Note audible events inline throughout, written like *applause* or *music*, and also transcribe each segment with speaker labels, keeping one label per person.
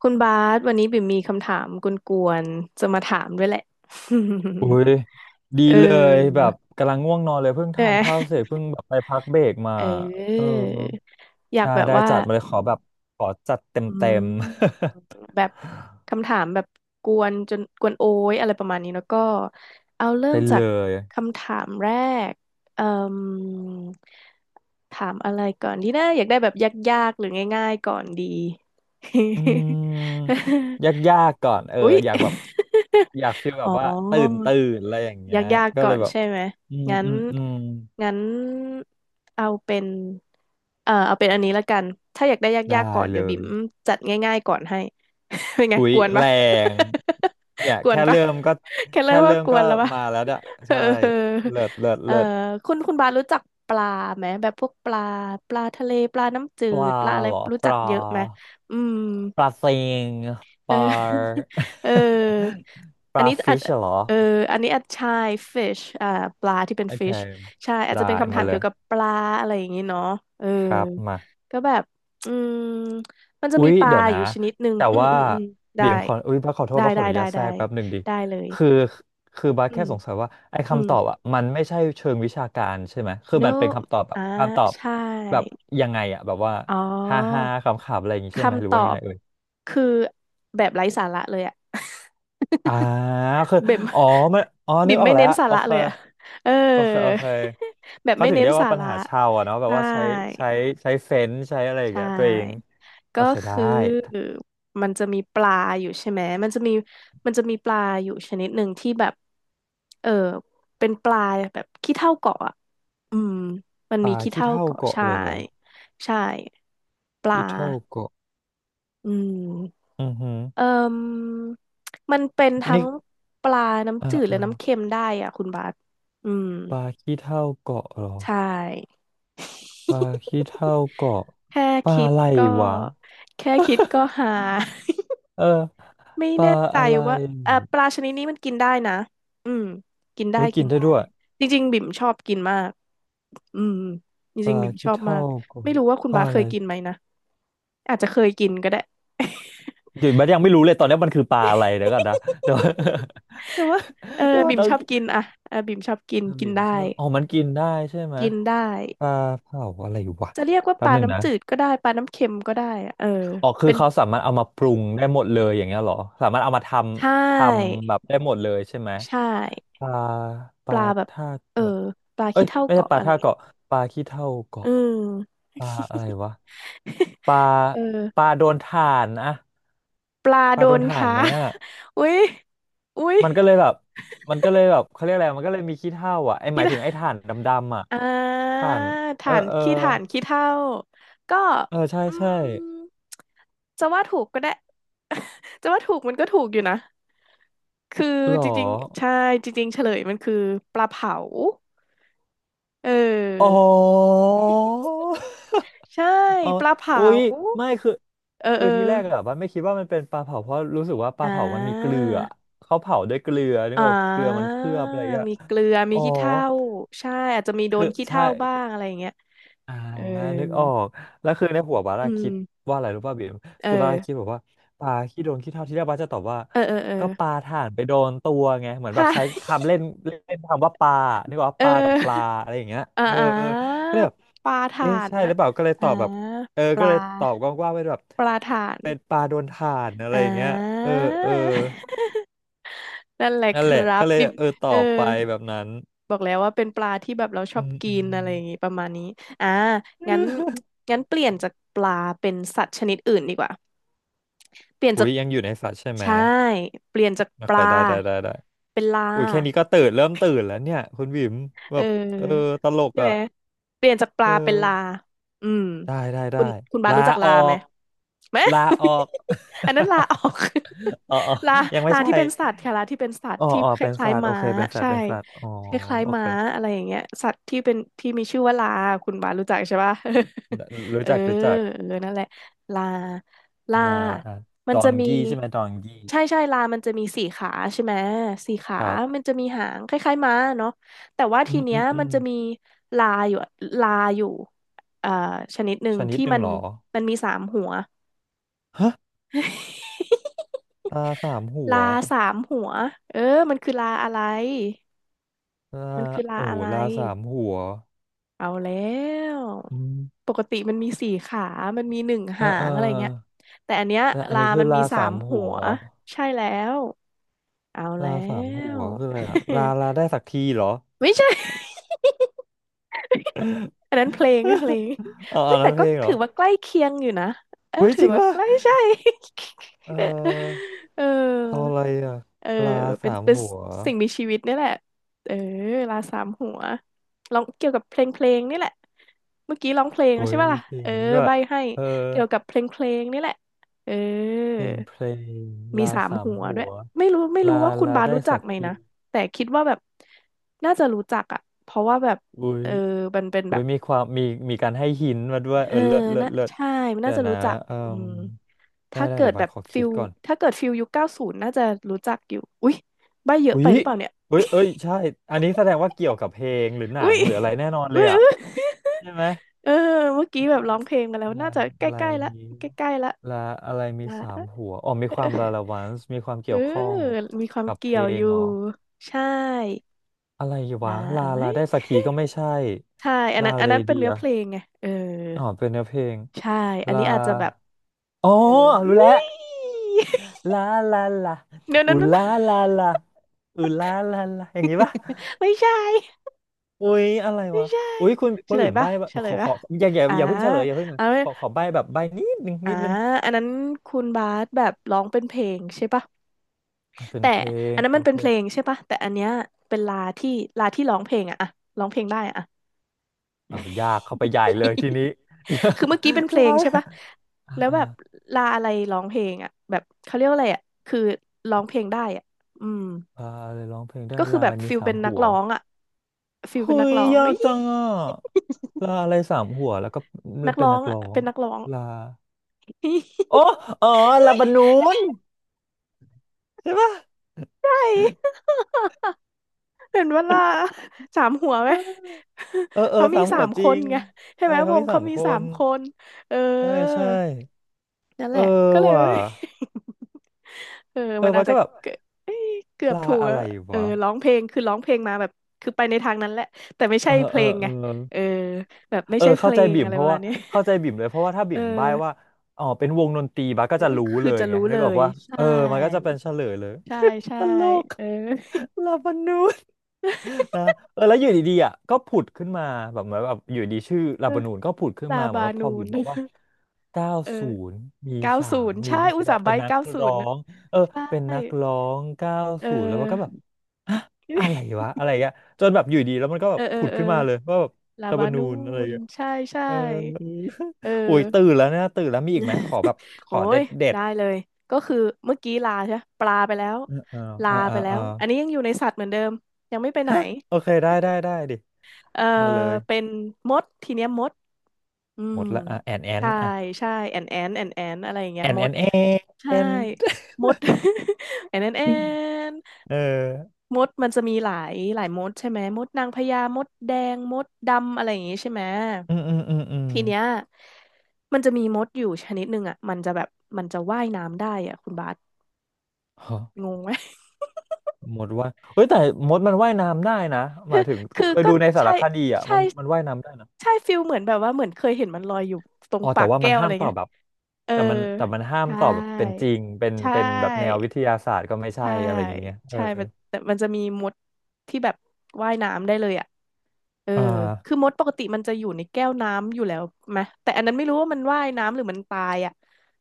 Speaker 1: คุณบาสวันนี้บิ่มมีคำถามกวนๆจะมาถามด้วยแหละ
Speaker 2: อุ้
Speaker 1: *laughs*
Speaker 2: ยดี
Speaker 1: เ
Speaker 2: เลยแบ
Speaker 1: ออ
Speaker 2: บกำลังง่วงนอนเลยเพิ่ง
Speaker 1: ใช่
Speaker 2: ทาน
Speaker 1: ไหม
Speaker 2: ข้าวเสร็จเพิ่งแบบไปพักเบรกมา
Speaker 1: เ
Speaker 2: เออ
Speaker 1: อออยาก
Speaker 2: ได้
Speaker 1: แบบ
Speaker 2: ได้
Speaker 1: ว่า
Speaker 2: จัดมาเลยขอแบบขอจัดเต็ม
Speaker 1: อื
Speaker 2: เต็ม *laughs*
Speaker 1: มแบบคำถามแบบกวนจนกวนโอ้ยอะไรประมาณนี้แล้วก็เอาเริ่
Speaker 2: ได้
Speaker 1: มจา
Speaker 2: เล
Speaker 1: ก
Speaker 2: ย
Speaker 1: คำถามแรกเอ่มถามอะไรก่อนดีนะอยากได้แบบยากๆหรือง่ายๆก่อนดี
Speaker 2: อืมยากยากก่อนเอ
Speaker 1: *laughs*
Speaker 2: อ
Speaker 1: อุ๊ย
Speaker 2: อยากแบบอยากฟีล
Speaker 1: *laughs*
Speaker 2: แบ
Speaker 1: อ๋อ
Speaker 2: บว่าตื่นตื่นอะไรอย่าง
Speaker 1: ย
Speaker 2: เงี้ย
Speaker 1: าก
Speaker 2: ก็
Speaker 1: ๆก่
Speaker 2: เล
Speaker 1: อ
Speaker 2: ย
Speaker 1: น
Speaker 2: แบบ
Speaker 1: ใช่ไหม
Speaker 2: อืม
Speaker 1: งั้น
Speaker 2: อืมอืม
Speaker 1: งั้นเอาเป็นเอาเป็นอันนี้ละกัน ถ้าอยากได้ยาก
Speaker 2: ได้
Speaker 1: ๆก่อน
Speaker 2: เล
Speaker 1: เดี๋ยวบิ่
Speaker 2: ย
Speaker 1: มจัดง่ายๆก่อนให้ *laughs* เป็นไง
Speaker 2: อุ้ย
Speaker 1: กวน
Speaker 2: แร
Speaker 1: ปะ
Speaker 2: งเนี่ย
Speaker 1: *laughs* กว
Speaker 2: แค่
Speaker 1: นปะ
Speaker 2: เริ่มก็
Speaker 1: แค่เริ่
Speaker 2: แค่
Speaker 1: มก
Speaker 2: เริ่
Speaker 1: ว่า
Speaker 2: ม
Speaker 1: กว
Speaker 2: ก็
Speaker 1: นแล้วยปะ
Speaker 2: มาแล้วอะ
Speaker 1: เออ
Speaker 2: ใช่
Speaker 1: เออ
Speaker 2: เลิศเลิศ
Speaker 1: เออ
Speaker 2: เลิศ
Speaker 1: คุณบาสรู้จักปลาไหมแบบพวกปลาทะเลปลาน้ำจื
Speaker 2: ปลา
Speaker 1: ดปลาอะไร
Speaker 2: เหรอ
Speaker 1: รู้
Speaker 2: ป
Speaker 1: จัก
Speaker 2: ลา
Speaker 1: เยอะไหมอืม
Speaker 2: ปลาเซิงป
Speaker 1: เออ
Speaker 2: ลา
Speaker 1: *laughs* เออ
Speaker 2: *laughs* ป
Speaker 1: อัน
Speaker 2: ลา
Speaker 1: นี้อา
Speaker 2: ฟิ
Speaker 1: จ
Speaker 2: ชเหรอ
Speaker 1: เอออันนี้อาจใช่ fish อ่าปลาที่เป็น
Speaker 2: โอเค
Speaker 1: fish ใช่อาจ
Speaker 2: ได้
Speaker 1: จะเป็นคำ
Speaker 2: มา
Speaker 1: ถาม
Speaker 2: เล
Speaker 1: เกี่ย
Speaker 2: ย
Speaker 1: วกับปลาอะไรอย่างนี้เนาะเออ
Speaker 2: ครับมา
Speaker 1: ก็แบบอืมมันจะ
Speaker 2: อุ๊
Speaker 1: มี
Speaker 2: ย
Speaker 1: ปลา
Speaker 2: เดี๋ยว
Speaker 1: อ
Speaker 2: นะ
Speaker 1: ยู่ชนิดหนึ่ง
Speaker 2: แต่ว่า
Speaker 1: ได้
Speaker 2: บีมขออุ๊ยบ้าขอโทษ
Speaker 1: ได้
Speaker 2: บ้าขอ
Speaker 1: ได้
Speaker 2: อนุ
Speaker 1: ได้
Speaker 2: ญาตแทร
Speaker 1: ได้
Speaker 2: กแป๊บหนึ่งดิ
Speaker 1: ได้เลย
Speaker 2: คือบ้า
Speaker 1: อื
Speaker 2: แค่
Speaker 1: ม
Speaker 2: สงสัยว่าไอ้
Speaker 1: อืม
Speaker 2: คำตอบอ่ะมันไม่ใช่เชิงวิชาการใช่ไหมคือ
Speaker 1: no
Speaker 2: มันเป็นคำตอบแบบ
Speaker 1: อ่า
Speaker 2: คำตอบ
Speaker 1: ใช่
Speaker 2: แบบยังไงอ่ะแบบว่า
Speaker 1: อ๋อ
Speaker 2: ฮ่าฮ่าขำๆอะไรอย่างงี้
Speaker 1: ค
Speaker 2: ใช่ไหมหรื
Speaker 1: ำต
Speaker 2: อ
Speaker 1: อ
Speaker 2: ว่ายัง
Speaker 1: บ
Speaker 2: ไงเอ่ย
Speaker 1: คือแบบไร้สาระเลยอะ
Speaker 2: อ่า
Speaker 1: *laughs*
Speaker 2: คือ
Speaker 1: เบม
Speaker 2: อ๋ออ๋อ
Speaker 1: *laughs*
Speaker 2: นึ
Speaker 1: บิ่
Speaker 2: ก
Speaker 1: ม
Speaker 2: ออก
Speaker 1: ไม่
Speaker 2: แล้ว
Speaker 1: เน้นสา
Speaker 2: โอ
Speaker 1: ระ
Speaker 2: เค
Speaker 1: เลยอ่ะเออ
Speaker 2: โอเคโอเค
Speaker 1: *laughs* แบบ
Speaker 2: เขา
Speaker 1: ไม่
Speaker 2: ถึง
Speaker 1: เน้
Speaker 2: เรี
Speaker 1: น
Speaker 2: ยกว่า
Speaker 1: สา
Speaker 2: ปัญ
Speaker 1: ระ
Speaker 2: หาชาวอะเนาะแบบ
Speaker 1: ใช่
Speaker 2: ว่าใช้ใช้ใช้เฟ้นใช้อะไรอย่า
Speaker 1: ใช
Speaker 2: งเงี้ยตัวเอง
Speaker 1: ่
Speaker 2: โอ
Speaker 1: ก็
Speaker 2: เคได้
Speaker 1: คือมันจะมีปลาอยู่ใช่ไหมมันจะมีปลาอยู่ชนิดหนึ่งที่แบบเออเป็นปลาแบบขี้เถ้าเกาะอะอืมมัน
Speaker 2: ป
Speaker 1: มี
Speaker 2: ลา
Speaker 1: ขี้
Speaker 2: ขี้
Speaker 1: เถ้า
Speaker 2: เถ้า
Speaker 1: เกาะ
Speaker 2: เกาะ
Speaker 1: ใช่
Speaker 2: เลยเหรอ
Speaker 1: ใช่ปลา
Speaker 2: ขี้เถ้าเกาะ
Speaker 1: อืม
Speaker 2: อือหือ
Speaker 1: เอ่มมันเป็นทั้
Speaker 2: นี่
Speaker 1: งปลา
Speaker 2: อ่า
Speaker 1: น้ำจืดและ
Speaker 2: อ่า
Speaker 1: น้ำเค็มได้อ่ะคุณบาสอืม
Speaker 2: ปลาขี้เถ้าเกาะเหรอ
Speaker 1: ใช่
Speaker 2: ปลา
Speaker 1: *laughs*
Speaker 2: ขี้เถ้าเกาะ
Speaker 1: แค่
Speaker 2: ปลา
Speaker 1: คิ
Speaker 2: อะ
Speaker 1: ด
Speaker 2: ไร
Speaker 1: ก็
Speaker 2: วะ
Speaker 1: แค่คิดก็หา *laughs*
Speaker 2: เออ
Speaker 1: ไม่
Speaker 2: ป
Speaker 1: แน่
Speaker 2: ลา
Speaker 1: ใจ
Speaker 2: อะไร
Speaker 1: ว่าปลาชนิดนี้มันกินได้นะอืมกินได้
Speaker 2: โอ้ยกิ
Speaker 1: กิ
Speaker 2: น
Speaker 1: น
Speaker 2: ได้
Speaker 1: ได้
Speaker 2: ด้วย
Speaker 1: จริงๆบิ่มชอบกินมาก อืมจ
Speaker 2: ป
Speaker 1: ริง
Speaker 2: ลา
Speaker 1: ๆบิ่มช
Speaker 2: ขี้
Speaker 1: อบมา
Speaker 2: เถ้า
Speaker 1: ก
Speaker 2: เกาะ
Speaker 1: ไม่รู้ว่าคุณ
Speaker 2: ปลา
Speaker 1: บาส
Speaker 2: อะ
Speaker 1: เค
Speaker 2: ไร
Speaker 1: ยกินไหมนะอาจจะเคยกินก็ได้ *laughs*
Speaker 2: เดี๋ยวมันยังไม่รู้เลยตอนนี้มันคือปลาอะไรเดี๋ยวก่อนนะเดี๋ยวเดี๋ย *laughs* วว่า
Speaker 1: เออ
Speaker 2: เดี๋ยวว่า
Speaker 1: บิ่ม
Speaker 2: ต้อง
Speaker 1: ชอบ
Speaker 2: กิ
Speaker 1: กิ
Speaker 2: น
Speaker 1: นอะเออบิ่มชอบกิน
Speaker 2: อ่ะ
Speaker 1: กิน
Speaker 2: บิ่ม
Speaker 1: ได้
Speaker 2: ชอบอ๋อมันกินได้ใช่ไหม
Speaker 1: กินได้
Speaker 2: ปลาเผาอะไรอยู่วะ
Speaker 1: จะเรียกว่า
Speaker 2: แป๊
Speaker 1: ป
Speaker 2: บ
Speaker 1: ลา
Speaker 2: หนึ่งนะ
Speaker 1: น้ำจืดก็ได้ปลาน้ำเค็มก็ได้อะเออ
Speaker 2: อ๋อคือ
Speaker 1: เป็น
Speaker 2: เขาสามารถเอามาปรุงได้หมดเลยอย่างเงี้ยเหรอสามารถเอามาท
Speaker 1: ใช
Speaker 2: ำท
Speaker 1: ่
Speaker 2: แบบได้หมดเลยใช่ไหม
Speaker 1: ใช่
Speaker 2: ปลาป
Speaker 1: ป
Speaker 2: ลา
Speaker 1: ลาแบบ
Speaker 2: ท่า
Speaker 1: เออ
Speaker 2: เกาะ
Speaker 1: ปลา
Speaker 2: เอ้
Speaker 1: ขี้
Speaker 2: ย
Speaker 1: เถ้า
Speaker 2: ไม่ใช่
Speaker 1: เกาะ
Speaker 2: ปลา
Speaker 1: อะไร
Speaker 2: ท่า
Speaker 1: เงี้ย
Speaker 2: เกาะปลาขี้เถ้า
Speaker 1: อื
Speaker 2: เกาะ
Speaker 1: ม
Speaker 2: ปลาอะไรวะปลา
Speaker 1: เออ
Speaker 2: ปลาโดนถ่านอะ
Speaker 1: ปลา
Speaker 2: ป
Speaker 1: โด
Speaker 2: ลาโดน
Speaker 1: น
Speaker 2: ถ่าน
Speaker 1: ท้า
Speaker 2: ไหมอะ
Speaker 1: *laughs* อุ๊ยอุ๊ย
Speaker 2: มันก็เลยแบบมันก็เลยแบบเขาเรียกอะไรมันก็เลยมีขี้เถ้าอ่ะไอห
Speaker 1: ขี้
Speaker 2: มายถึ
Speaker 1: เถ้า
Speaker 2: งไอถ่านดำๆอ่ะ
Speaker 1: *laughs* อ่า
Speaker 2: ถ่านเออ
Speaker 1: ถ่าน
Speaker 2: เออ
Speaker 1: ขี้ถ่านขี้เถ้าก็
Speaker 2: เออใช่
Speaker 1: อื
Speaker 2: ใช่
Speaker 1: มจะว่าถูกก็ได้ *laughs* จะว่าถูกมันก็ถูกอยู่นะคือ
Speaker 2: หรอ
Speaker 1: จริงๆใช่จริงๆเฉลยมันคือปลาเผาเ
Speaker 2: อ๋อ
Speaker 1: ออ
Speaker 2: *laughs*
Speaker 1: ใช่
Speaker 2: อ๋อ
Speaker 1: ปลาเผา
Speaker 2: อุ๊ยไม่คือ
Speaker 1: เออเออ
Speaker 2: ทีแรกอะว่าไม่คิดว่ามันเป็นปลาเผาเพราะรู้สึกว่าป
Speaker 1: อ่
Speaker 2: ลาเผามันมีเกลือ
Speaker 1: า
Speaker 2: เขาเผาด้วยเกลือนึ
Speaker 1: อ่
Speaker 2: กออกเกลือมัน
Speaker 1: า
Speaker 2: เคลือบอะไรเงี้ย
Speaker 1: มีเกลือ มี
Speaker 2: อ๋อ
Speaker 1: ขี้เถ้าใช่อาจจะมีโด
Speaker 2: คื
Speaker 1: น
Speaker 2: อ
Speaker 1: ขี้เถ้า
Speaker 2: ใช่
Speaker 1: บ้างอะไรอย่างเงี้ย
Speaker 2: อ่า
Speaker 1: เออ
Speaker 2: นึกออกแล้วคือในหัวบา
Speaker 1: อื
Speaker 2: ร่าคิ
Speaker 1: ม
Speaker 2: ดว่าอะไรรู้ป่ะบีม
Speaker 1: เอ
Speaker 2: คือบา
Speaker 1: อ
Speaker 2: ร่าคิดแบบว่าปลาขี้โดนขี้เท่าที่แรกบาร่าจะตอบว่า
Speaker 1: เออ
Speaker 2: ก็ปลาถ่านไปโดนตัวไงเหมือ
Speaker 1: *laughs*
Speaker 2: นแบบ
Speaker 1: ผ้า
Speaker 2: ใช้คำเล่นเล่นคำว่าปลานึ
Speaker 1: *laughs*
Speaker 2: กออกว่า
Speaker 1: เ
Speaker 2: ปลากับปลา
Speaker 1: ออ
Speaker 2: อะไรอย่างเงี้ย
Speaker 1: อ่า
Speaker 2: เออ
Speaker 1: อ่
Speaker 2: ก็
Speaker 1: า
Speaker 2: เลยแบบ
Speaker 1: ปลาถ่า
Speaker 2: เอ๊ะ
Speaker 1: น
Speaker 2: ใช่ห
Speaker 1: นะ
Speaker 2: รือเปล่าก็เลยต
Speaker 1: อ่า
Speaker 2: อบแบบเออ
Speaker 1: ป
Speaker 2: ก็
Speaker 1: ลา
Speaker 2: เลยตอบกว้างๆไปแบบ
Speaker 1: ปลาถ่าน
Speaker 2: เป็นปลาโดนถ่านอะไร
Speaker 1: อ่
Speaker 2: อย่างเงี้ย
Speaker 1: า
Speaker 2: เออเออ
Speaker 1: *laughs* นั่นแหละ
Speaker 2: นั่
Speaker 1: ค
Speaker 2: นแหละ
Speaker 1: รั
Speaker 2: ก็
Speaker 1: บ
Speaker 2: เลย
Speaker 1: บิม
Speaker 2: เออตอ
Speaker 1: เออ
Speaker 2: บไปแบบนั้น
Speaker 1: บอกแล้วว่าเป็นปลาที่แบบเราช
Speaker 2: อื
Speaker 1: อบ
Speaker 2: ม
Speaker 1: กิ
Speaker 2: อื
Speaker 1: น
Speaker 2: ม
Speaker 1: อะไรอย่างงี้ประมาณนี้อ่างั้น
Speaker 2: *laughs*
Speaker 1: งั้นเปลี่ยนจากปลาเป็นสัตว์ชนิดอื่นดีกว่า เปลี่ยนจา
Speaker 2: อุ้
Speaker 1: ก
Speaker 2: ยยังอยู่ในฝันใช่ไหม
Speaker 1: ใช่เปลี่ยนจาก
Speaker 2: โอ
Speaker 1: ป
Speaker 2: เค
Speaker 1: ลา
Speaker 2: ได้ได้
Speaker 1: เป็นลา
Speaker 2: อุ้ยแค่นี้ก็ตื่นเริ่มตื่นแล้วเนี่ยคุณบิ๋มแบ
Speaker 1: เอ
Speaker 2: บเออ
Speaker 1: อ
Speaker 2: ตลก
Speaker 1: ใช่ไห
Speaker 2: อ่ะ
Speaker 1: มเปลี่ยนจากป
Speaker 2: เอ
Speaker 1: ลา
Speaker 2: อ
Speaker 1: เป็นลาอืม
Speaker 2: ได้ได้ได้
Speaker 1: คุณคุณบาส
Speaker 2: ลา
Speaker 1: รู้จัก
Speaker 2: อ
Speaker 1: ลา
Speaker 2: อ
Speaker 1: ไหม
Speaker 2: ก
Speaker 1: ไหม
Speaker 2: ลาออก
Speaker 1: *laughs* อันนั้นลาออก *laughs*
Speaker 2: *laughs* อ๋ออ๋อ
Speaker 1: ลา
Speaker 2: ยังไม่
Speaker 1: ลา
Speaker 2: ใช่
Speaker 1: ที่เป็นสัตว์ค่ะลาที่เป็นสัต
Speaker 2: อ๋อ
Speaker 1: ว์ที่
Speaker 2: อ๋อ
Speaker 1: ค
Speaker 2: เป็น
Speaker 1: ล้า
Speaker 2: ศา
Speaker 1: ย
Speaker 2: สต
Speaker 1: ๆ
Speaker 2: ร์โอ
Speaker 1: ม้า
Speaker 2: เคเป็นศาสต
Speaker 1: ใช่
Speaker 2: ร์เป็นศาสตร์อ๋อ
Speaker 1: คล้าย
Speaker 2: โอ
Speaker 1: ๆ
Speaker 2: เค
Speaker 1: ม้าอะไรอย่างเงี้ยสัตว์ที่เป็นที่มีชื่อว่าลาคุณบาสรู้จักใช่ปะ *laughs*
Speaker 2: รู้
Speaker 1: เออ
Speaker 2: จักรู้จัก
Speaker 1: เออนั่นแหละลาลา
Speaker 2: ลาอ่ะ
Speaker 1: มั
Speaker 2: ด
Speaker 1: น
Speaker 2: อ
Speaker 1: จะ
Speaker 2: ง
Speaker 1: มี
Speaker 2: กี้ใช่ไหมดองกี้
Speaker 1: ใช่ใช่ลามันจะมีสี่ขาใช่ไหมสี่ขา
Speaker 2: ครั
Speaker 1: มั
Speaker 2: บ
Speaker 1: นจะมีหางคล้ายๆม้าเนาะ แต่ว่า
Speaker 2: อื
Speaker 1: ที
Speaker 2: ม
Speaker 1: เนี้
Speaker 2: อื
Speaker 1: ย
Speaker 2: มอื
Speaker 1: มัน
Speaker 2: ม
Speaker 1: จะมีลาอยู่ลาอยู่เอ่อชนิดหนึ่
Speaker 2: ช
Speaker 1: ง
Speaker 2: นิด
Speaker 1: ที่
Speaker 2: หนึ่ง
Speaker 1: มัน
Speaker 2: เหรอ
Speaker 1: มันมีสามหัว
Speaker 2: ฮะ
Speaker 1: *laughs*
Speaker 2: ลาสามหั
Speaker 1: ลา
Speaker 2: ว
Speaker 1: สามหัวเออมันคือลาอะไร
Speaker 2: ลา
Speaker 1: มันคือลา
Speaker 2: โอ้โห
Speaker 1: อะไร
Speaker 2: ลาสามหัว
Speaker 1: เอาแล้ว
Speaker 2: อืม
Speaker 1: ปกติมันมีสี่ขามันมีหนึ่ง
Speaker 2: เออ
Speaker 1: หา
Speaker 2: เออ
Speaker 1: งอะไรเงี้ยแต่อันเนี้ย
Speaker 2: แต่อัน
Speaker 1: ลา
Speaker 2: นี้คือ
Speaker 1: มันมี
Speaker 2: ลา
Speaker 1: สา
Speaker 2: สา
Speaker 1: ม
Speaker 2: ม
Speaker 1: หั
Speaker 2: หัว
Speaker 1: วใช่แล้วเอา
Speaker 2: ลา
Speaker 1: แล้
Speaker 2: สามหัว
Speaker 1: ว
Speaker 2: คืออะไรอะลาลาได้สักทีเหรอ
Speaker 1: *laughs* ไม่ใช่ *laughs* อันนั้นเพลงนะเพลง
Speaker 2: เอา
Speaker 1: อุ้
Speaker 2: เอา
Speaker 1: ยแต่
Speaker 2: นั้นเพ
Speaker 1: ก็
Speaker 2: ลงเหร
Speaker 1: ถื
Speaker 2: อ
Speaker 1: อว่าใกล้เคียงอยู่นะเออ
Speaker 2: เฮ้ย
Speaker 1: ถื
Speaker 2: จ
Speaker 1: อ
Speaker 2: ริง
Speaker 1: ว่า
Speaker 2: ป่ะ
Speaker 1: ใกล้ใช่
Speaker 2: เออ
Speaker 1: *laughs* เอ
Speaker 2: เอาอะ
Speaker 1: อ
Speaker 2: ไรอะ
Speaker 1: เออ
Speaker 2: ลา
Speaker 1: เป็
Speaker 2: สา
Speaker 1: น
Speaker 2: ม
Speaker 1: เป็น
Speaker 2: หัว
Speaker 1: สิ่งมีชีวิตนี่แหละ เออลาสามหัวร้องเกี่ยวกับเพลงเพลงนี่แหละ เมื่อกี้ร้องเพลง
Speaker 2: โอ้
Speaker 1: แล้วใช่
Speaker 2: ย
Speaker 1: ป่ะ
Speaker 2: มี
Speaker 1: ล่ะ
Speaker 2: เพลง
Speaker 1: เออ
Speaker 2: นั้นด้วย
Speaker 1: ใบให้
Speaker 2: เออ
Speaker 1: เกี่ยวกับเพลงเพลงนี่แหละเออ
Speaker 2: เพลง
Speaker 1: มี
Speaker 2: ลา
Speaker 1: สาม
Speaker 2: สาม
Speaker 1: หัว
Speaker 2: หั
Speaker 1: ด้วย
Speaker 2: ว
Speaker 1: ไม่รู้ไม่
Speaker 2: ลา
Speaker 1: รู้ว่าคุณ
Speaker 2: ลา
Speaker 1: บาส
Speaker 2: ได้
Speaker 1: รู้จั
Speaker 2: สั
Speaker 1: ก
Speaker 2: ก
Speaker 1: ไหม
Speaker 2: ที
Speaker 1: นะแต่คิดว่าแบบน่าจะรู้จักอ่ะเพราะว่าแบบ
Speaker 2: อุ้ย
Speaker 1: เออมันเป็นแบ
Speaker 2: อุ้
Speaker 1: บ
Speaker 2: ยมีความมีมีการให้หินมาด้วย
Speaker 1: เอ
Speaker 2: เอ
Speaker 1: อ
Speaker 2: อเลิศเลิศ
Speaker 1: น่า
Speaker 2: เลิศ
Speaker 1: ใช่มันน่า
Speaker 2: เดี๋ยว
Speaker 1: จะ
Speaker 2: นะ
Speaker 1: รู้จัก
Speaker 2: เออ
Speaker 1: อืม
Speaker 2: ได้
Speaker 1: ถ้า
Speaker 2: ได้
Speaker 1: เกิ
Speaker 2: เดี๋ย
Speaker 1: ด
Speaker 2: วบา
Speaker 1: แบ
Speaker 2: ย
Speaker 1: บ
Speaker 2: ขอ
Speaker 1: ฟิ
Speaker 2: คิด
Speaker 1: ล
Speaker 2: ก่อน
Speaker 1: ถ้าเกิดฟิลยุคเก้าศูนย์น่าจะรู้จักอยู่อุ๊ยใบ้เยอะ
Speaker 2: อุ้
Speaker 1: ไป
Speaker 2: ย
Speaker 1: หรือเปล่าเนี่ย
Speaker 2: เอ้ยใช่อันนี้แสดงว่าเกี่ยวกับเพลงหรือหนั
Speaker 1: อุ๊
Speaker 2: ง
Speaker 1: ย
Speaker 2: หรืออะไรแน่นอนเล
Speaker 1: อุ๊
Speaker 2: ย
Speaker 1: ย
Speaker 2: อะ
Speaker 1: อุ๊ย
Speaker 2: ใช่ไหม
Speaker 1: เออเมื่อกี้แบบ
Speaker 2: ลา
Speaker 1: ร้องเพลงมาแล้ว
Speaker 2: ลา
Speaker 1: น่าจะใก
Speaker 2: อะไร
Speaker 1: ล้ๆละ
Speaker 2: มี
Speaker 1: ใกล้ๆละ
Speaker 2: ลาอะไรมี
Speaker 1: นะ
Speaker 2: สามหัวอ๋อมี
Speaker 1: เออ
Speaker 2: ความลาลาวันส์มีความ
Speaker 1: เอ
Speaker 2: เกี่
Speaker 1: อ
Speaker 2: ยวข้อง
Speaker 1: มีความ
Speaker 2: กับเพ
Speaker 1: เกี่ย
Speaker 2: ล
Speaker 1: วอ
Speaker 2: ง
Speaker 1: ยู่
Speaker 2: เหรอ
Speaker 1: ใช่
Speaker 2: อะไร
Speaker 1: ลา
Speaker 2: วะลา
Speaker 1: อะไร
Speaker 2: ลาได้สักทีก็ไม่ใช่
Speaker 1: ใช่อัน
Speaker 2: ลา
Speaker 1: นั้นอั
Speaker 2: เล
Speaker 1: นนั้นเป็
Speaker 2: เดี
Speaker 1: น
Speaker 2: ย
Speaker 1: เนื้อเพลงไงเออ
Speaker 2: อ๋อเป็นเนื้อเพลง
Speaker 1: ใช่อัน
Speaker 2: ลา
Speaker 1: นี้อาจจะแบบ
Speaker 2: อ๋อ
Speaker 1: เอออุ๊
Speaker 2: รู้แล้ว
Speaker 1: ย
Speaker 2: ลาลาลา
Speaker 1: *laughs* เดี๋ยว
Speaker 2: อุ
Speaker 1: นั้น
Speaker 2: ลาลาลาอุลาลาลาอย่างงี้ปะ
Speaker 1: *laughs* ไม่ใช่
Speaker 2: อุ้ยอะไร
Speaker 1: ไม่
Speaker 2: วะ
Speaker 1: ใช่
Speaker 2: อุ้ย
Speaker 1: เฉ
Speaker 2: คุณ
Speaker 1: ลย
Speaker 2: บิ่ม
Speaker 1: ปะ
Speaker 2: ใบ้ปะ
Speaker 1: เฉล
Speaker 2: ข
Speaker 1: ย
Speaker 2: อข
Speaker 1: ปะ
Speaker 2: ออย่าอย่า
Speaker 1: อ่า
Speaker 2: อย่าเพิ่งเฉลยอย่าเพิ่งนะ
Speaker 1: อ่าไม่
Speaker 2: ขอขอใบ้แบบใบ้นิดนึง
Speaker 1: อ่า
Speaker 2: นิดนึง
Speaker 1: อันนั้นคุณบาสแบบร้องเป็นเพลงใช่ปะ
Speaker 2: เป็น
Speaker 1: แต่
Speaker 2: เพลง
Speaker 1: อันนั้น
Speaker 2: โอ
Speaker 1: มันเป็
Speaker 2: เค
Speaker 1: นเพลงใช่ป่ะแต่อันเนี้ยเป็นลาที่ร้องเพลงอะอะร้องเพลงได้อะอะ
Speaker 2: อ้าวยากเข้าไปใหญ่เลยที
Speaker 1: *laughs*
Speaker 2: นี้
Speaker 1: คือเมื่อกี้เป็นเพล
Speaker 2: *laughs*
Speaker 1: ง
Speaker 2: ลาย
Speaker 1: ใช่ปะ
Speaker 2: อ่
Speaker 1: แล้วแบบ
Speaker 2: า
Speaker 1: ลาอะไรร้องเพลงอะแบบเขาเรียกว่าอะไรอะคือร้องเพลงได้อะอืม
Speaker 2: อ่าลาอะไรร้องเพลงได้
Speaker 1: ก็คื
Speaker 2: ลา
Speaker 1: อแบ
Speaker 2: อะไร
Speaker 1: บ
Speaker 2: มี
Speaker 1: ฟิล
Speaker 2: สา
Speaker 1: เป็
Speaker 2: ม
Speaker 1: นนั
Speaker 2: หั
Speaker 1: ก
Speaker 2: ว
Speaker 1: ร้องอะฟิล
Speaker 2: เฮ้
Speaker 1: เป็นนัก
Speaker 2: ย
Speaker 1: ร้อง
Speaker 2: ยา
Speaker 1: *laughs*
Speaker 2: กจังอ่ะลาอะไรสามหัวแล้วก็
Speaker 1: นัก
Speaker 2: เป็น
Speaker 1: ร้อ
Speaker 2: นั
Speaker 1: ง
Speaker 2: ก
Speaker 1: อะ
Speaker 2: ร้อง
Speaker 1: เป็นนักร้อง
Speaker 2: ลา
Speaker 1: ใ
Speaker 2: โอ้อ๋อลาบานูนใช่ปะ
Speaker 1: ช่ *laughs* เห็นเวลาสามหัวไหม
Speaker 2: เออ
Speaker 1: *laughs*
Speaker 2: เออ
Speaker 1: เขา
Speaker 2: สา
Speaker 1: มี
Speaker 2: ม
Speaker 1: สา
Speaker 2: หัว
Speaker 1: ม
Speaker 2: จ
Speaker 1: ค
Speaker 2: ริ
Speaker 1: น
Speaker 2: ง
Speaker 1: ไงใช่
Speaker 2: ใช่
Speaker 1: ไหม
Speaker 2: เขา
Speaker 1: ว
Speaker 2: มี
Speaker 1: ง
Speaker 2: สา
Speaker 1: เขา
Speaker 2: ม
Speaker 1: มี
Speaker 2: ค
Speaker 1: สา
Speaker 2: น
Speaker 1: มคน เออ
Speaker 2: ใช่ใช่
Speaker 1: นั่น
Speaker 2: เอ
Speaker 1: แห
Speaker 2: อ
Speaker 1: ละก็เลย
Speaker 2: ว่ะ
Speaker 1: ไม่ *laughs* เออ
Speaker 2: เอ
Speaker 1: มั
Speaker 2: อ
Speaker 1: น
Speaker 2: มั
Speaker 1: อาจ
Speaker 2: น
Speaker 1: จะ
Speaker 2: ก็แบบ
Speaker 1: เกเอ้ยเกือบ
Speaker 2: ลา
Speaker 1: ถูก
Speaker 2: อะไร
Speaker 1: อะเออ
Speaker 2: วะ
Speaker 1: ร้องเพลงคือร้องเพลงมาแบบคือไปในทางนั้นแหละ แต่ไม่
Speaker 2: เอ
Speaker 1: ใช่
Speaker 2: อ
Speaker 1: เพ
Speaker 2: เอ
Speaker 1: ล
Speaker 2: อ
Speaker 1: ง
Speaker 2: เอ
Speaker 1: ไง
Speaker 2: อ
Speaker 1: เออ แบบไม่
Speaker 2: เออ
Speaker 1: ใช่เพ
Speaker 2: เข้า
Speaker 1: ล
Speaker 2: ใจ
Speaker 1: ง
Speaker 2: บิ่ม
Speaker 1: อะไร
Speaker 2: เพ
Speaker 1: ป
Speaker 2: ราะ
Speaker 1: ระ
Speaker 2: ว่า
Speaker 1: มาณนี้
Speaker 2: เข้าใจบิ่มเลยเพราะว่าถ้า
Speaker 1: เอ
Speaker 2: บิ่
Speaker 1: อ
Speaker 2: มใบ้ว่าอ๋อเป็นวงดนตรีบาสก็
Speaker 1: เดี๋ย
Speaker 2: จะ
Speaker 1: วก็
Speaker 2: รู้
Speaker 1: คื
Speaker 2: เล
Speaker 1: อ
Speaker 2: ย
Speaker 1: จะ
Speaker 2: ไง
Speaker 1: รู้
Speaker 2: นึก
Speaker 1: เล
Speaker 2: ออก
Speaker 1: ย
Speaker 2: ว่าเออ
Speaker 1: ใช่
Speaker 2: มันก็จะเป็นเฉลยเลย
Speaker 1: ใช่ใช่
Speaker 2: ตลก
Speaker 1: เออ
Speaker 2: ลาบานูนนะเออแล้วอยู่ดีๆอ่ะก็ผุดขึ้นมาแบบเหมือนแบบอยู่ดีชื่อลาบานูนก็ผุดขึ้
Speaker 1: *laughs*
Speaker 2: น
Speaker 1: ลา
Speaker 2: มาเหมือน
Speaker 1: บา
Speaker 2: ว่าพอ
Speaker 1: นู
Speaker 2: บิ่ม
Speaker 1: น
Speaker 2: บอกว่าเก้า
Speaker 1: เออ
Speaker 2: ศูนย์มี
Speaker 1: เก้า
Speaker 2: สา
Speaker 1: ศู
Speaker 2: ม
Speaker 1: นย์
Speaker 2: มี
Speaker 1: ใช่
Speaker 2: นัก
Speaker 1: อุต
Speaker 2: ร้อ
Speaker 1: ส่า
Speaker 2: ง
Speaker 1: ห์
Speaker 2: เป็
Speaker 1: ใบ้
Speaker 2: นนัก
Speaker 1: เก้าศู
Speaker 2: ร้อ
Speaker 1: นย์นะ
Speaker 2: งเออ
Speaker 1: ใช่
Speaker 2: เป็นนักร้องเก้า
Speaker 1: เอ
Speaker 2: ศูนย์แล้วมันก็แบบ
Speaker 1: อ
Speaker 2: ฮะอะไร
Speaker 1: *laughs*
Speaker 2: วะอะไรเงี้ยจนแบบอยู่ดีแล้วมันก็แบ
Speaker 1: เอ
Speaker 2: บ
Speaker 1: อเอ
Speaker 2: ผุ
Speaker 1: อ
Speaker 2: ด
Speaker 1: เออ
Speaker 2: ขึ้นมาเลยว่าแบบ
Speaker 1: ลา
Speaker 2: ลา
Speaker 1: บา
Speaker 2: บานู
Speaker 1: นู
Speaker 2: นอะไร
Speaker 1: นใช่ใช่
Speaker 2: เออ
Speaker 1: เอ
Speaker 2: อุ้ย
Speaker 1: อ
Speaker 2: ตื่นแล้วเนี่ยตื่นแล้วมีอีกไหมขอ
Speaker 1: *laughs*
Speaker 2: แบบข
Speaker 1: โอ้
Speaker 2: อเด็
Speaker 1: ย
Speaker 2: ดเด็ด
Speaker 1: ได้เลยก็คือเมื่อกี้ลาใช่ปะปลาไปแล้ว
Speaker 2: เออเออ
Speaker 1: ลา
Speaker 2: เออเอ
Speaker 1: ไป
Speaker 2: อ
Speaker 1: แล้
Speaker 2: เออ
Speaker 1: วอันนี้ยังอยู่ในสัตว์เหมือนเดิมยังไม่ไปไหน
Speaker 2: โอเคได้ได้ได้ดิ
Speaker 1: เออ
Speaker 2: มาเลย
Speaker 1: เป็นมดทีเนี้ยมดอื
Speaker 2: หม
Speaker 1: ม
Speaker 2: ดละอ่ะแอนแอน
Speaker 1: ใช่
Speaker 2: อ่ะ
Speaker 1: ใช่แอนแอนแอนแอนอะไรอย่างเงี้
Speaker 2: แอ
Speaker 1: ย
Speaker 2: น
Speaker 1: ม
Speaker 2: แอ
Speaker 1: ด
Speaker 2: นแอ
Speaker 1: ใช่
Speaker 2: น
Speaker 1: มด *laughs* แอนแอนแอน
Speaker 2: เออ
Speaker 1: มดมันจะมีหลายมดใช่ไหมมดนางพญามดแดงมดดำอะไรอย่างงี้ใช่ไหม
Speaker 2: อืมอืมอืมอืม
Speaker 1: ทีเนี้ยมันจะมีมดอยู่ชนิดหนึ่งอ่ะมันจะแบบมันจะว่ายน้ำได้อ่ะคุณบาส
Speaker 2: ฮะ
Speaker 1: งงไหม
Speaker 2: มดว่ายเฮ้ยแต่มดมันว่ายน้ำได้นะห
Speaker 1: คื
Speaker 2: มา
Speaker 1: อ
Speaker 2: ยถึง
Speaker 1: *laughs* คื
Speaker 2: เค
Speaker 1: อ
Speaker 2: ย
Speaker 1: ก็
Speaker 2: ดูในสาร
Speaker 1: ใช่
Speaker 2: คดีอ่ะมั
Speaker 1: ใช่
Speaker 2: นมันว่ายน้ำได้นะ
Speaker 1: ใช่ฟิลเหมือนแบบว่าเหมือนเคยเห็นมันลอยอยู่ตรง
Speaker 2: อ๋อแต่
Speaker 1: ปาก
Speaker 2: ว่ามั
Speaker 1: แก้
Speaker 2: น
Speaker 1: วอะ
Speaker 2: ห้า
Speaker 1: ไร
Speaker 2: มตอบ
Speaker 1: เงี้ย
Speaker 2: แบบ
Speaker 1: เออ
Speaker 2: แต่มันห้าม
Speaker 1: ใช่
Speaker 2: ตอบแบบเป็นจริงเป็น
Speaker 1: ใช
Speaker 2: เป็นแบบแนว
Speaker 1: ่
Speaker 2: วิทยาศาสตร์ก็ไม่ใช่
Speaker 1: ใช่
Speaker 2: อะไรอย่างเงี้ยเออ
Speaker 1: ใช่มันแต่มันจะมีมดที่แบบว่ายน้ำได้เลยอ่ะ เออ
Speaker 2: อ่า
Speaker 1: คือมดปกติมันจะอยู่ในแก้วน้ำอยู่แล้วไหมแต่อันนั้นไม่รู้ว่ามันว่ายน้ำหรือมันตายอ่ะ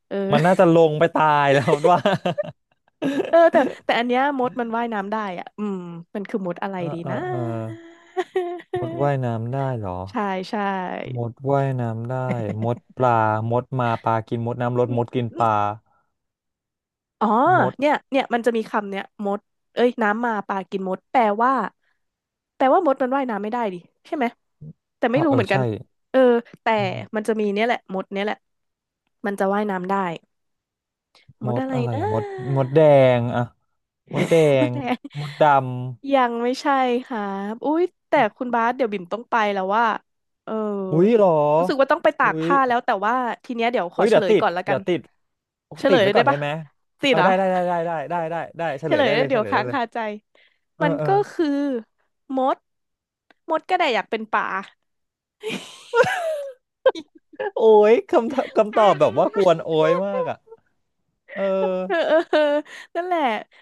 Speaker 1: เออ
Speaker 2: มันน่าจะลงไปตายแล้ว *laughs* ว่า
Speaker 1: *laughs* เออแต่แต่อันเนี้ยมดมันว่ายน้ำได้อ่ะอืมมันคือมดอะไร
Speaker 2: เออ
Speaker 1: ดี
Speaker 2: เออ
Speaker 1: นะ
Speaker 2: เออมดว่ายน้ำได้เหรอ
Speaker 1: *laughs* ใช่ใช่
Speaker 2: มดว่ายน้ำได้มดปลามดมาปลากินมดน้ำลด
Speaker 1: อื
Speaker 2: ม
Speaker 1: ม
Speaker 2: ดกิน
Speaker 1: อื
Speaker 2: ป
Speaker 1: ม
Speaker 2: ลา
Speaker 1: อ๋อ
Speaker 2: มด
Speaker 1: เนี่ยเนี่ยมันจะมีคำเนี้ยมดเอ้ยน้ำมาปลากินมดแปลว่าแปลว่ามดมันว่ายน้ำไม่ได้ดิใช่ไหมแต่ไม่
Speaker 2: อ้าว
Speaker 1: รู้
Speaker 2: เออ
Speaker 1: เหมือนกั
Speaker 2: ใช่
Speaker 1: นเออแต่
Speaker 2: อ๋
Speaker 1: มั
Speaker 2: อ
Speaker 1: นจะมีเนี่ยแหละมดเนี่ยแหละมันจะว่ายน้ำได้ ม
Speaker 2: ม
Speaker 1: ด
Speaker 2: ด
Speaker 1: อะไร
Speaker 2: อะไร
Speaker 1: น
Speaker 2: อ่ะมดมด
Speaker 1: ะ
Speaker 2: แดงอ่ะมดแด
Speaker 1: มด
Speaker 2: ง
Speaker 1: แดง
Speaker 2: มดด
Speaker 1: ยังไม่ใช่ค่ะอุ๊ยแต่คุณบาสเดี๋ยวบิ่มต้องไปแล้วว่า เออ
Speaker 2: ำอุ๊ยเหรอ
Speaker 1: รู้สึกว่าต้องไปตา
Speaker 2: อุ๊
Speaker 1: ก
Speaker 2: ย
Speaker 1: ผ้าแล้วแต่ว่าทีเนี้ยเดี๋ยวข
Speaker 2: อุ๊
Speaker 1: อ
Speaker 2: ย
Speaker 1: เฉ
Speaker 2: เดี๋ย
Speaker 1: ล
Speaker 2: ว
Speaker 1: ย
Speaker 2: ติด
Speaker 1: ก่อนละกั
Speaker 2: เดี๋ย
Speaker 1: น
Speaker 2: วติด
Speaker 1: เฉ
Speaker 2: ติ
Speaker 1: ล
Speaker 2: ด
Speaker 1: ยเล
Speaker 2: ไว้
Speaker 1: ย
Speaker 2: ก่
Speaker 1: ได้
Speaker 2: อนได้
Speaker 1: ปะ
Speaker 2: ไหม
Speaker 1: สิ
Speaker 2: เออ
Speaker 1: เหรอ
Speaker 2: ได้ได้ได้ได้ได้ได้ได้ได้เฉ
Speaker 1: เฉ
Speaker 2: ลย
Speaker 1: ลย
Speaker 2: ได้
Speaker 1: แล้
Speaker 2: เล
Speaker 1: ว
Speaker 2: ยเฉ
Speaker 1: เดี๋ยว
Speaker 2: ลยได้
Speaker 1: ค้าง
Speaker 2: เลย
Speaker 1: คาใจ
Speaker 2: เออ
Speaker 1: มัน
Speaker 2: เออ
Speaker 1: ก็คือมด มดก็ได้อยากเป็นป่า
Speaker 2: โอ้ยคำตอบคำตอบแบบว่ากวนโอ้ยมากอ่ะเออ
Speaker 1: เออ *laughs* เออเออนั่นแหละ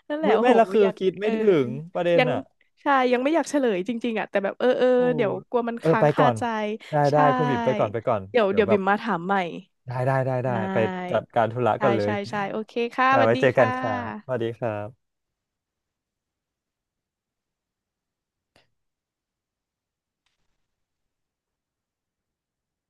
Speaker 1: นั่นแหละ
Speaker 2: เฮ้ย
Speaker 1: โอ้
Speaker 2: ไม่
Speaker 1: โห
Speaker 2: ละคือ
Speaker 1: ยัง
Speaker 2: คิด
Speaker 1: เอ
Speaker 2: ไม่
Speaker 1: อ
Speaker 2: ถึงประเด็น
Speaker 1: ยัง
Speaker 2: อ่ะ
Speaker 1: ใช่ ยังไม่อยากเฉลยจริงๆอ่ะแต่แบบ เออเออ
Speaker 2: โอ้
Speaker 1: เดี๋ยวกลัวมัน
Speaker 2: เออ
Speaker 1: ค้า
Speaker 2: ไป
Speaker 1: ง
Speaker 2: ก่
Speaker 1: คา
Speaker 2: อน
Speaker 1: ใจ
Speaker 2: ได้ได้
Speaker 1: ใช่
Speaker 2: คุณบิ่มไปก่อนไปก่อน
Speaker 1: เดี๋ยว
Speaker 2: เดี๋ยว
Speaker 1: เดี๋ยว
Speaker 2: แบ
Speaker 1: บิ่
Speaker 2: บ
Speaker 1: มมาถามใหม่
Speaker 2: ได้ได้ได้
Speaker 1: ได
Speaker 2: ได้ไปจั
Speaker 1: ้
Speaker 2: ดการธุระก่
Speaker 1: ใช่
Speaker 2: อนเลย
Speaker 1: ใช่ใช่โอเคค่ะ
Speaker 2: ได้
Speaker 1: สวัส
Speaker 2: ไว้
Speaker 1: ดี
Speaker 2: เจอกัน
Speaker 1: ค่ะ
Speaker 2: ค่ะสวัสดีครับ